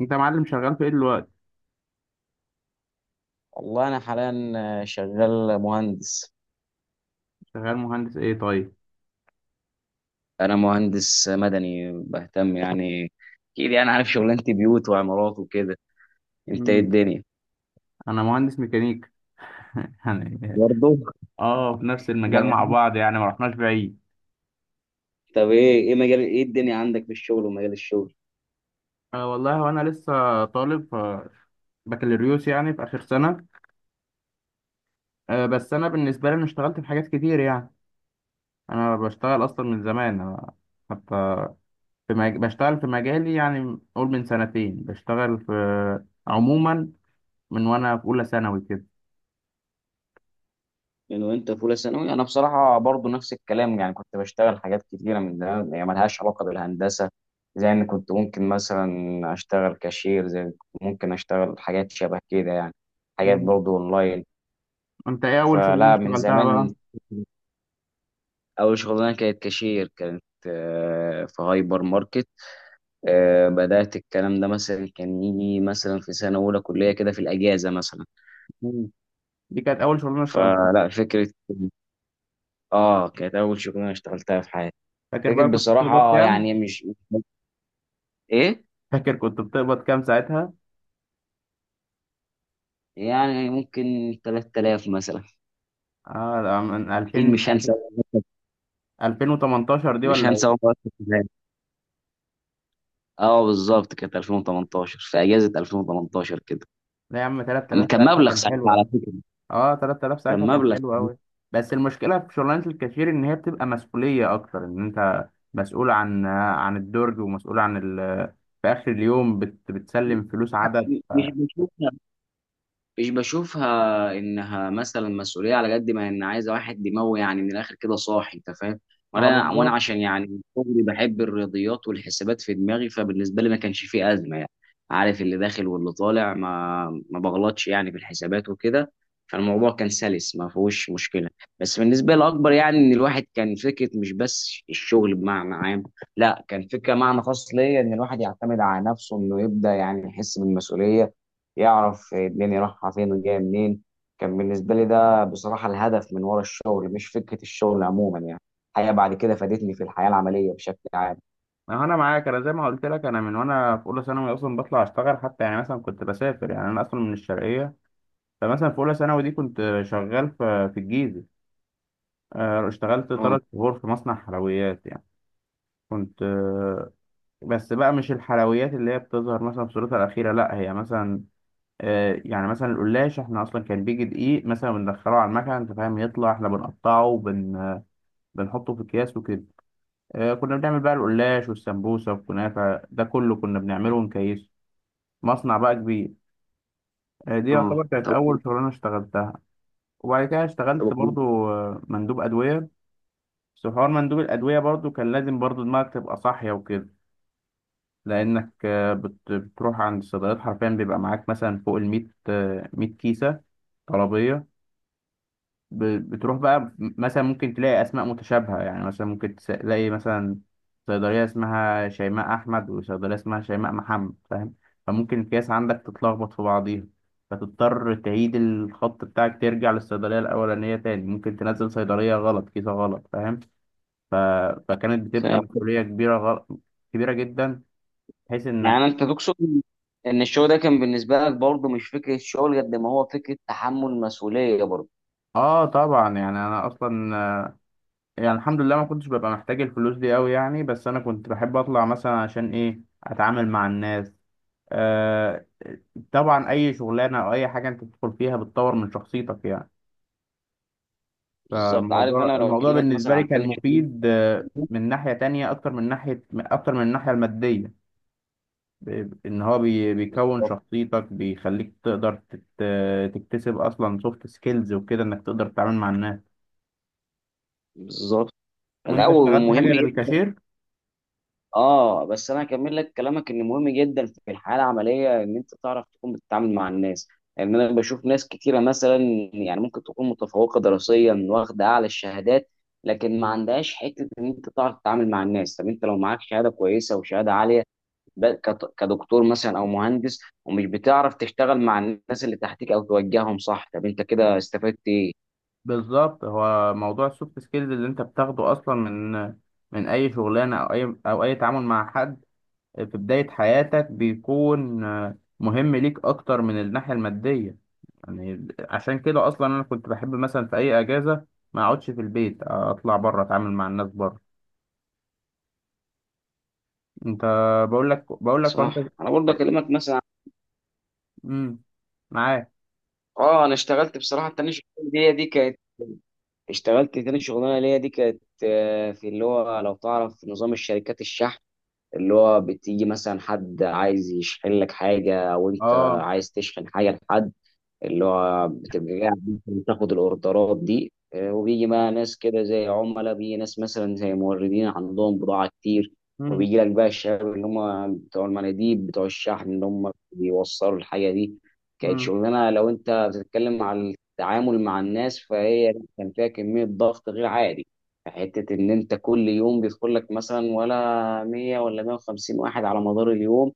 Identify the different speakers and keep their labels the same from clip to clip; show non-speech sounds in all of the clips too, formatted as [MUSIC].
Speaker 1: انت يا معلم، شغال في ايه دلوقتي؟
Speaker 2: والله أنا حاليا شغال مهندس.
Speaker 1: شغال مهندس ايه؟ طيب.
Speaker 2: أنا مهندس مدني بهتم، يعني أكيد يعني عارف شغلانتي، بيوت وعمارات وكده. أنت إيه
Speaker 1: مم.
Speaker 2: الدنيا؟
Speaker 1: انا مهندس ميكانيك [LAUGHS] يعني.
Speaker 2: برضه
Speaker 1: اه، في نفس
Speaker 2: ده
Speaker 1: المجال مع
Speaker 2: مجال.
Speaker 1: بعض، يعني ما رحناش بعيد.
Speaker 2: طب إيه مجال، إيه الدنيا عندك في الشغل ومجال الشغل؟
Speaker 1: أه والله، وانا لسه طالب بكالوريوس، يعني في اخر سنه. أه بس انا بالنسبه لي، انا اشتغلت في حاجات كتير يعني. انا بشتغل اصلا من زمان، أنا حتى... بشتغل في مجالي، يعني قول من سنتين بشتغل في، عموما. من وانا في اولى ثانوي كده.
Speaker 2: من وأنت في أولى ثانوي أنا بصراحة برضه نفس الكلام، يعني كنت بشتغل حاجات كتيرة من ده يعني ملهاش علاقة بالهندسة. زي إن كنت ممكن مثلا أشتغل كاشير، زي إن كنت ممكن أشتغل حاجات شبه كده يعني، حاجات
Speaker 1: مم.
Speaker 2: برضه أونلاين.
Speaker 1: انت ايه اول شغلانه
Speaker 2: فلا من
Speaker 1: اشتغلتها بقى؟
Speaker 2: زمان، أول شغلانة كانت كاشير، كانت في هايبر ماركت. بدأت الكلام ده مثلا، كان يجي مثلا في سنة أولى كلية كده في الأجازة مثلا.
Speaker 1: مم. دي كانت اول شغلانه اشتغلتها؟
Speaker 2: فلا فكرة. كانت أول شغلانة اشتغلتها في حياتي.
Speaker 1: فاكر
Speaker 2: فكرة
Speaker 1: بقى كنت بتقبض
Speaker 2: بصراحة
Speaker 1: كام؟
Speaker 2: يعني مش إيه،
Speaker 1: فاكر كنت بتقبض كام ساعتها؟
Speaker 2: يعني ممكن 3000 مثلا.
Speaker 1: اه، ده من
Speaker 2: أكيد
Speaker 1: 2000...
Speaker 2: مش هنسى،
Speaker 1: 2018 دي، ولا ايه؟
Speaker 2: أول مرة كنت هناك. بالظبط كانت 2018، في أجازة 2018 كده.
Speaker 1: لا يا عم، 3000
Speaker 2: كان
Speaker 1: ساعتها
Speaker 2: مبلغ
Speaker 1: كان
Speaker 2: ساعتها
Speaker 1: حلو
Speaker 2: على
Speaker 1: قوي.
Speaker 2: فكرة،
Speaker 1: اه، 3000 ساعتها
Speaker 2: كان
Speaker 1: كان
Speaker 2: مبلغ
Speaker 1: حلو
Speaker 2: مش...
Speaker 1: قوي. بس المشكلة في شغلانة الكاشير، ان هي بتبقى مسؤولية اكتر، ان انت مسؤول عن الدرج، ومسؤول عن ال... في اخر اليوم، بتسلم فلوس عدد.
Speaker 2: مش بشوف مش بشوفها انها مثلا مسؤوليه، على قد ما ان عايزه واحد دماغه، يعني من الاخر كده صاحي، انت فاهم.
Speaker 1: ما هو
Speaker 2: وانا
Speaker 1: بالظبط.
Speaker 2: عشان يعني من صغري بحب الرياضيات والحسابات في دماغي، فبالنسبه لي ما كانش فيه ازمه يعني. عارف اللي داخل واللي طالع، ما بغلطش يعني في الحسابات وكده. فالموضوع كان سلس، ما فيهوش مشكله. بس بالنسبه لي الاكبر يعني ان الواحد كان فكره مش بس الشغل بمعنى عام، لا كان فكره معنى خاص ليا، ان الواحد يعتمد على نفسه، انه يبدا يعني يحس بالمسؤوليه، يعرف الدنيا رايحة فين وجاية منين. كان بالنسبة لي ده بصراحة الهدف من ورا الشغل، مش فكرة الشغل عموما يعني. الحقيقة بعد كده فادتني في الحياة العملية بشكل عام.
Speaker 1: ما هو انا معاك، انا زي ما قلت لك، انا من وانا في اولى ثانوي اصلا بطلع اشتغل، حتى يعني مثلا كنت بسافر يعني، انا اصلا من الشرقية. فمثلا في اولى ثانوي دي، كنت شغال في الجيزه. اشتغلت
Speaker 2: اه
Speaker 1: 3 شهور في مصنع حلويات يعني. كنت بس بقى، مش الحلويات اللي هي بتظهر مثلا في صورتها الاخيره، لا، هي مثلا... يعني مثلا القلاش، احنا اصلا كان بيجي دقيق مثلا بندخله على المكنه، انت فاهم؟ يطلع احنا بنقطعه، بنحطه في اكياس وكده. كنا بنعمل بقى القلاش والسمبوسه والكنافه، ده كله كنا بنعمله ونكيسه. مصنع بقى كبير. دي
Speaker 2: اه.
Speaker 1: يعتبر كانت
Speaker 2: طب
Speaker 1: اول شغلانه اشتغلتها. وبعد كده اشتغلت
Speaker 2: طب.
Speaker 1: برضو، مندوب ادويه. بس حوار مندوب الأدوية برضو كان لازم برضو دماغك تبقى صاحية وكده. لأنك بتروح عند الصيدليات، حرفيا بيبقى معاك مثلا فوق الـ100، 100 كيسة طلبية. ب- بتروح بقى، مثلا ممكن تلاقي أسماء متشابهة، يعني مثلا ممكن تلاقي مثلا صيدلية اسمها شيماء أحمد، وصيدلية اسمها شيماء محمد، فاهم؟ فممكن الكيس عندك تتلخبط في بعضيها. فتضطر تعيد الخط بتاعك، ترجع للصيدلية الأولانية تاني، ممكن تنزل صيدلية غلط، كيسة غلط، فاهم؟ ف... فكانت بتبقى مسؤولية كبيرة، كبيرة جدا، بحيث انك...
Speaker 2: يعني انت تقصد ان الشغل ده كان بالنسبه لك برضه مش فكره شغل قد ما هو فكره تحمل مسؤوليه برضه.
Speaker 1: اه طبعا، يعني انا اصلا يعني الحمد لله، ما كنتش ببقى محتاج الفلوس دي قوي يعني، بس انا كنت بحب اطلع مثلا عشان ايه؟ اتعامل مع الناس. آه طبعا، اي شغلانة او اي حاجة انت بتدخل فيها بتطور من شخصيتك يعني.
Speaker 2: بالظبط. عارف
Speaker 1: فالموضوع
Speaker 2: انا لو
Speaker 1: الموضوع
Speaker 2: اكلمك
Speaker 1: بالنسبة
Speaker 2: مثلا
Speaker 1: لي
Speaker 2: عن
Speaker 1: كان
Speaker 2: تاني شغل،
Speaker 1: مفيد، من ناحية تانية اكتر من ناحية، اكتر من الناحية المادية. ان هو بيكون شخصيتك بيخليك تقدر تكتسب اصلا سوفت سكيلز وكده، انك تقدر تتعامل مع الناس.
Speaker 2: بالظبط
Speaker 1: وانت
Speaker 2: الاول
Speaker 1: اشتغلت حاجه
Speaker 2: مهم.
Speaker 1: غير الكاشير؟
Speaker 2: اه، بس انا هكمل لك كلامك، ان مهم جدا في الحياه العمليه ان انت تعرف تكون بتتعامل مع الناس. يعني انا بشوف ناس كتيره مثلا، يعني ممكن تكون متفوقه دراسيا واخده اعلى الشهادات، لكن ما عندهاش حته ان انت تعرف تتعامل مع الناس. طب انت لو معاك شهاده كويسه وشهاده عاليه، كدكتور مثلا او مهندس، ومش بتعرف تشتغل مع الناس اللي تحتك او توجههم صح، طب انت كده استفدت ايه؟
Speaker 1: بالظبط، هو موضوع السوفت سكيلز اللي انت بتاخده اصلا من، من اي شغلانه، او اي تعامل مع حد. في بدايه حياتك بيكون مهم ليك، اكتر من الناحيه الماديه. يعني عشان كده اصلا، انا كنت بحب مثلا في اي اجازه ما اقعدش في البيت، اطلع بره اتعامل مع الناس بره. انت... بقول لك، وانت...
Speaker 2: صح. انا برضه اكلمك مثلا،
Speaker 1: امم. معاك.
Speaker 2: اه، انا اشتغلت بصراحه التانية شغلانة دي كانت... اشتغلت تاني شغلانه ليا، دي كانت في اللي هو، لو تعرف نظام الشركات الشحن، اللي هو بتيجي مثلا حد عايز يشحن لك حاجه، او انت
Speaker 1: اه.
Speaker 2: عايز تشحن حاجه لحد، اللي هو بتبقى قاعد مثلا تاخد الاوردرات دي. وبيجي بقى ناس كده زي عملاء، بيجي ناس مثلا زي موردين عندهم بضاعة كتير،
Speaker 1: امم.
Speaker 2: وبيجي لك بقى الشباب اللي هم بتوع المناديب بتوع الشحن، اللي هم بيوصلوا الحاجة دي. كانت
Speaker 1: امم.
Speaker 2: شغلانة، لو انت بتتكلم على التعامل مع الناس، فهي كان فيها كمية ضغط غير عادي. حتة إن أنت كل يوم بيدخل لك مثلا ولا 100 ولا 150 واحد على مدار اليوم.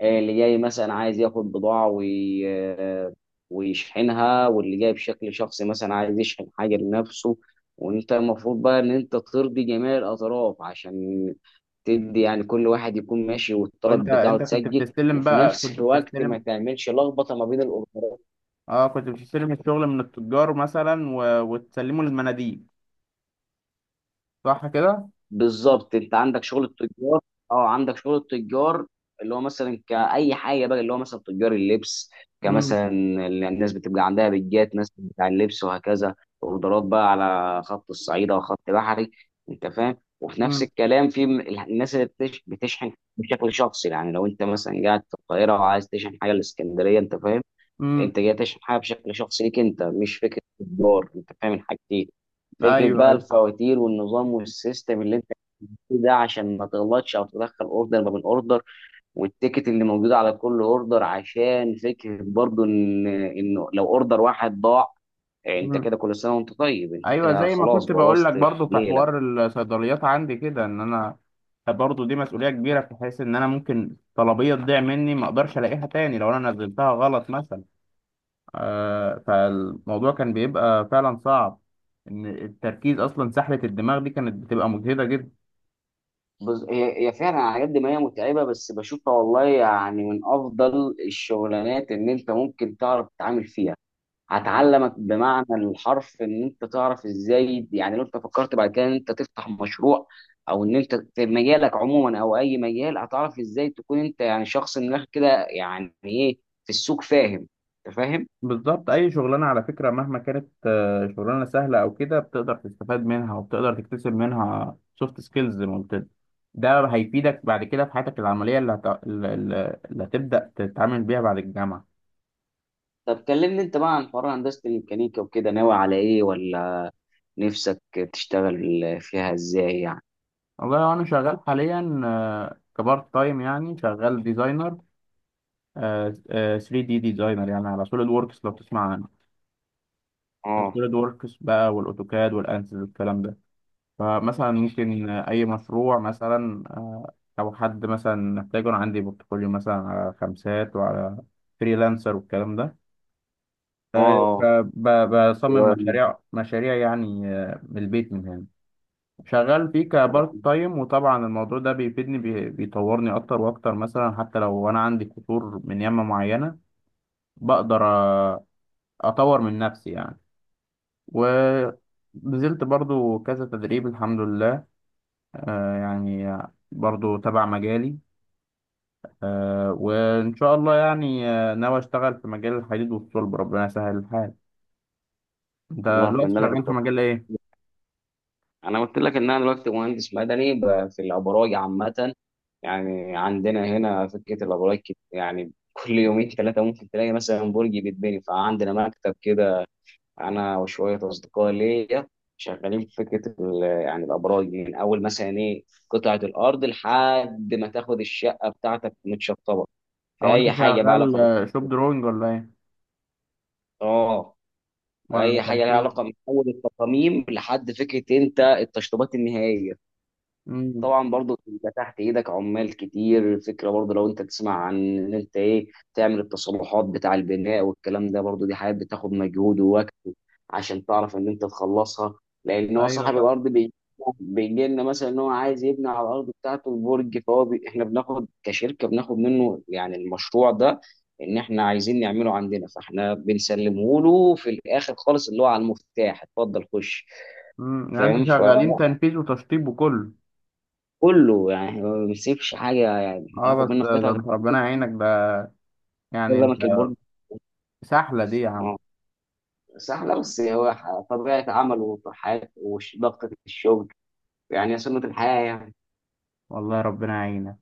Speaker 2: اللي جاي مثلا عايز ياخد بضاعة وي... آه، ويشحنها، واللي جاي بشكل شخصي مثلا عايز يشحن حاجة لنفسه، وانت المفروض بقى ان انت ترضي جميع الاطراف، عشان تدي يعني كل واحد يكون ماشي
Speaker 1: وانت
Speaker 2: والطلب بتاعه
Speaker 1: انت كنت
Speaker 2: تسجل،
Speaker 1: بتستلم
Speaker 2: وفي
Speaker 1: بقى
Speaker 2: نفس
Speaker 1: كنت
Speaker 2: الوقت
Speaker 1: بتستلم...
Speaker 2: ما تعملش لخبطة ما بين الاوردرات.
Speaker 1: اه، كنت بتستلم الشغل من التجار مثلا و... وتسلمه للمناديب، صح كده؟
Speaker 2: بالظبط. انت عندك شغل التجار، اه عندك شغل التجار، اللي هو مثلا كأي حاجه بقى، اللي هو مثلا تجار اللبس،
Speaker 1: امم،
Speaker 2: كمثلا الناس بتبقى عندها بيجات ناس بتاع اللبس وهكذا. اوردرات بقى على خط الصعيدة وخط بحري، انت فاهم. وفي نفس
Speaker 1: امم،
Speaker 2: الكلام في الناس بتشحن بشكل شخصي، يعني لو انت مثلا قاعد في القاهره وعايز تشحن حاجه الاسكندريه، انت فاهم.
Speaker 1: امم.
Speaker 2: انت جاي تشحن حاجه بشكل شخصي ليك انت، مش فكره تجار، انت فاهم الحاجتين. فكره
Speaker 1: ايوه،
Speaker 2: بقى
Speaker 1: ايوه.
Speaker 2: الفواتير والنظام والسيستم اللي ده، عشان ما تغلطش او تدخل اوردر ما بين اوردر، والتيكت اللي موجود على كل اوردر، عشان فكره برضو ان انه لو اوردر واحد ضاع، انت
Speaker 1: امم.
Speaker 2: كده كل سنه وانت طيب، انت
Speaker 1: ايوه،
Speaker 2: كده
Speaker 1: زي ما
Speaker 2: خلاص
Speaker 1: كنت بقول لك
Speaker 2: بوظت
Speaker 1: برضو في
Speaker 2: ليله.
Speaker 1: حوار الصيدليات عندي كده، ان انا برضو دي مسؤوليه كبيره، في حيث ان انا ممكن طلبيه تضيع مني، ما اقدرش الاقيها تاني لو انا نزلتها غلط مثلا. فالموضوع كان بيبقى فعلا صعب، ان التركيز اصلا، سحلة الدماغ دي كانت بتبقى مجهدة جدا.
Speaker 2: بص هي فعلا على قد ما هي متعبه، بس بشوفها والله يعني من افضل الشغلانات ان انت ممكن تعرف تتعامل فيها. هتعلمك بمعنى الحرف ان انت تعرف ازاي، يعني لو انت فكرت بعد كده ان انت تفتح مشروع، او ان انت في مجالك عموما او اي مجال، هتعرف ازاي تكون انت يعني شخص من الاخر كده يعني ايه في السوق، فاهم؟ انت فاهم.
Speaker 1: بالظبط، اي شغلانة على فكرة مهما كانت شغلانة سهلة او كده، بتقدر تستفاد منها وبتقدر تكتسب منها سوفت سكيلز زي ما قلت لك. ده هيفيدك بعد كده في حياتك العملية اللي, هت... اللي اللي هتبدأ تتعامل بيها بعد الجامعة.
Speaker 2: طب كلمني انت بقى عن حوار هندسة الميكانيكا وكده، ناوي على ايه، ولا نفسك تشتغل فيها ازاي يعني؟
Speaker 1: والله، انا شغال حاليا كبارت تايم، يعني شغال ديزاينر 3D، ديزاينر يعني على سوليد ووركس لو تسمع عنه.
Speaker 2: اه.
Speaker 1: السوليد ووركس بقى والاوتوكاد والانسys والكلام ده. فمثلا ممكن اي مشروع مثلا او حد مثلا محتاجه. انا عندي بورتفوليو مثلا على خمسات وعلى فريلانسر والكلام ده.
Speaker 2: اه. آه.
Speaker 1: فبصمم
Speaker 2: و-
Speaker 1: مشاريع مشاريع يعني من البيت من هنا، شغال فيه كبارت تايم. وطبعا الموضوع ده بيفيدني، بيطورني اكتر واكتر، مثلا حتى لو انا عندي قصور من يمة معينة، بقدر اطور من نفسي يعني. و نزلت برضو كذا تدريب، الحمد لله. يعني برضو تبع مجالي. وإن شاء الله يعني ناوي أشتغل في مجال الحديد والصلب، ربنا يسهل الحال. أنت
Speaker 2: والله
Speaker 1: دلوقتي
Speaker 2: اتمنى لك
Speaker 1: شغال في
Speaker 2: التوفيق.
Speaker 1: مجال إيه؟
Speaker 2: انا قلت لك ان انا دلوقتي مهندس مدني، في الابراج عامه. يعني عندنا هنا فكره الابراج يعني كل يومين ثلاثه ممكن تلاقي مثلا برج بيتبني. فعندنا مكتب كده، انا وشويه اصدقاء ليا، شغالين في فكره يعني الابراج دي. من اول مثلا ايه قطعه الارض، لحد ما تاخد الشقه بتاعتك متشطبه. في
Speaker 1: أو
Speaker 2: اي
Speaker 1: أنت
Speaker 2: حاجه بقى
Speaker 1: شغال
Speaker 2: علاقه
Speaker 1: شوب دروينج ولا إيه؟
Speaker 2: اه، في
Speaker 1: ولا
Speaker 2: اي حاجه لها
Speaker 1: تنفيذ؟
Speaker 2: علاقه، من اول التصاميم لحد فكره انت التشطيبات النهائيه.
Speaker 1: امم.
Speaker 2: طبعا برضو انت تحت ايدك عمال كتير. الفكره برضو لو انت تسمع عن ان انت ايه، تعمل التصلحات بتاع البناء والكلام ده، برضو دي حاجات بتاخد مجهود ووقت عشان تعرف ان انت تخلصها. لان هو
Speaker 1: أيوه،
Speaker 2: صاحب
Speaker 1: طبعا.
Speaker 2: الارض بيجي لنا مثلا ان هو عايز يبني على الارض بتاعته البرج، احنا بناخد كشركه، بناخد منه يعني المشروع ده، ان احنا عايزين نعمله عندنا، فاحنا بنسلمه له في الاخر خالص، اللي هو على المفتاح اتفضل خش.
Speaker 1: امم، يعني أنتوا
Speaker 2: فاهم.
Speaker 1: شغالين تنفيذ وتشطيب وكله؟
Speaker 2: كله يعني هو ما بيسيبش حاجه، يعني
Speaker 1: أه
Speaker 2: ناخد
Speaker 1: بس
Speaker 2: منه
Speaker 1: ده
Speaker 2: قطعه
Speaker 1: أنت ربنا يعينك ده،
Speaker 2: غير
Speaker 1: يعني أنت...
Speaker 2: لمك البرج.
Speaker 1: سحلة دي يا عم!
Speaker 2: اه صح. لا، بس هو طبيعه عمله وطحات وضغطه الشغل، يعني هي سنه الحياه يعني.
Speaker 1: والله ربنا يعينك.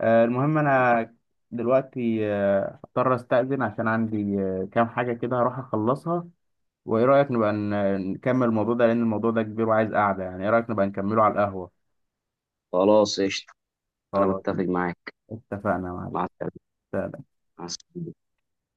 Speaker 1: المهم أنا دلوقتي هضطر أستأذن، عشان عندي كام حاجة كده هروح أخلصها. وايه رايك نبقى نكمل الموضوع ده، لان الموضوع ده كبير وعايز قعده، يعني ايه رايك نبقى نكمله على القهوه؟
Speaker 2: خلاص قشطه. انا
Speaker 1: خلاص،
Speaker 2: بتفق معاك.
Speaker 1: اتفقنا يا معلم.
Speaker 2: مع السلامه. مع السلامة.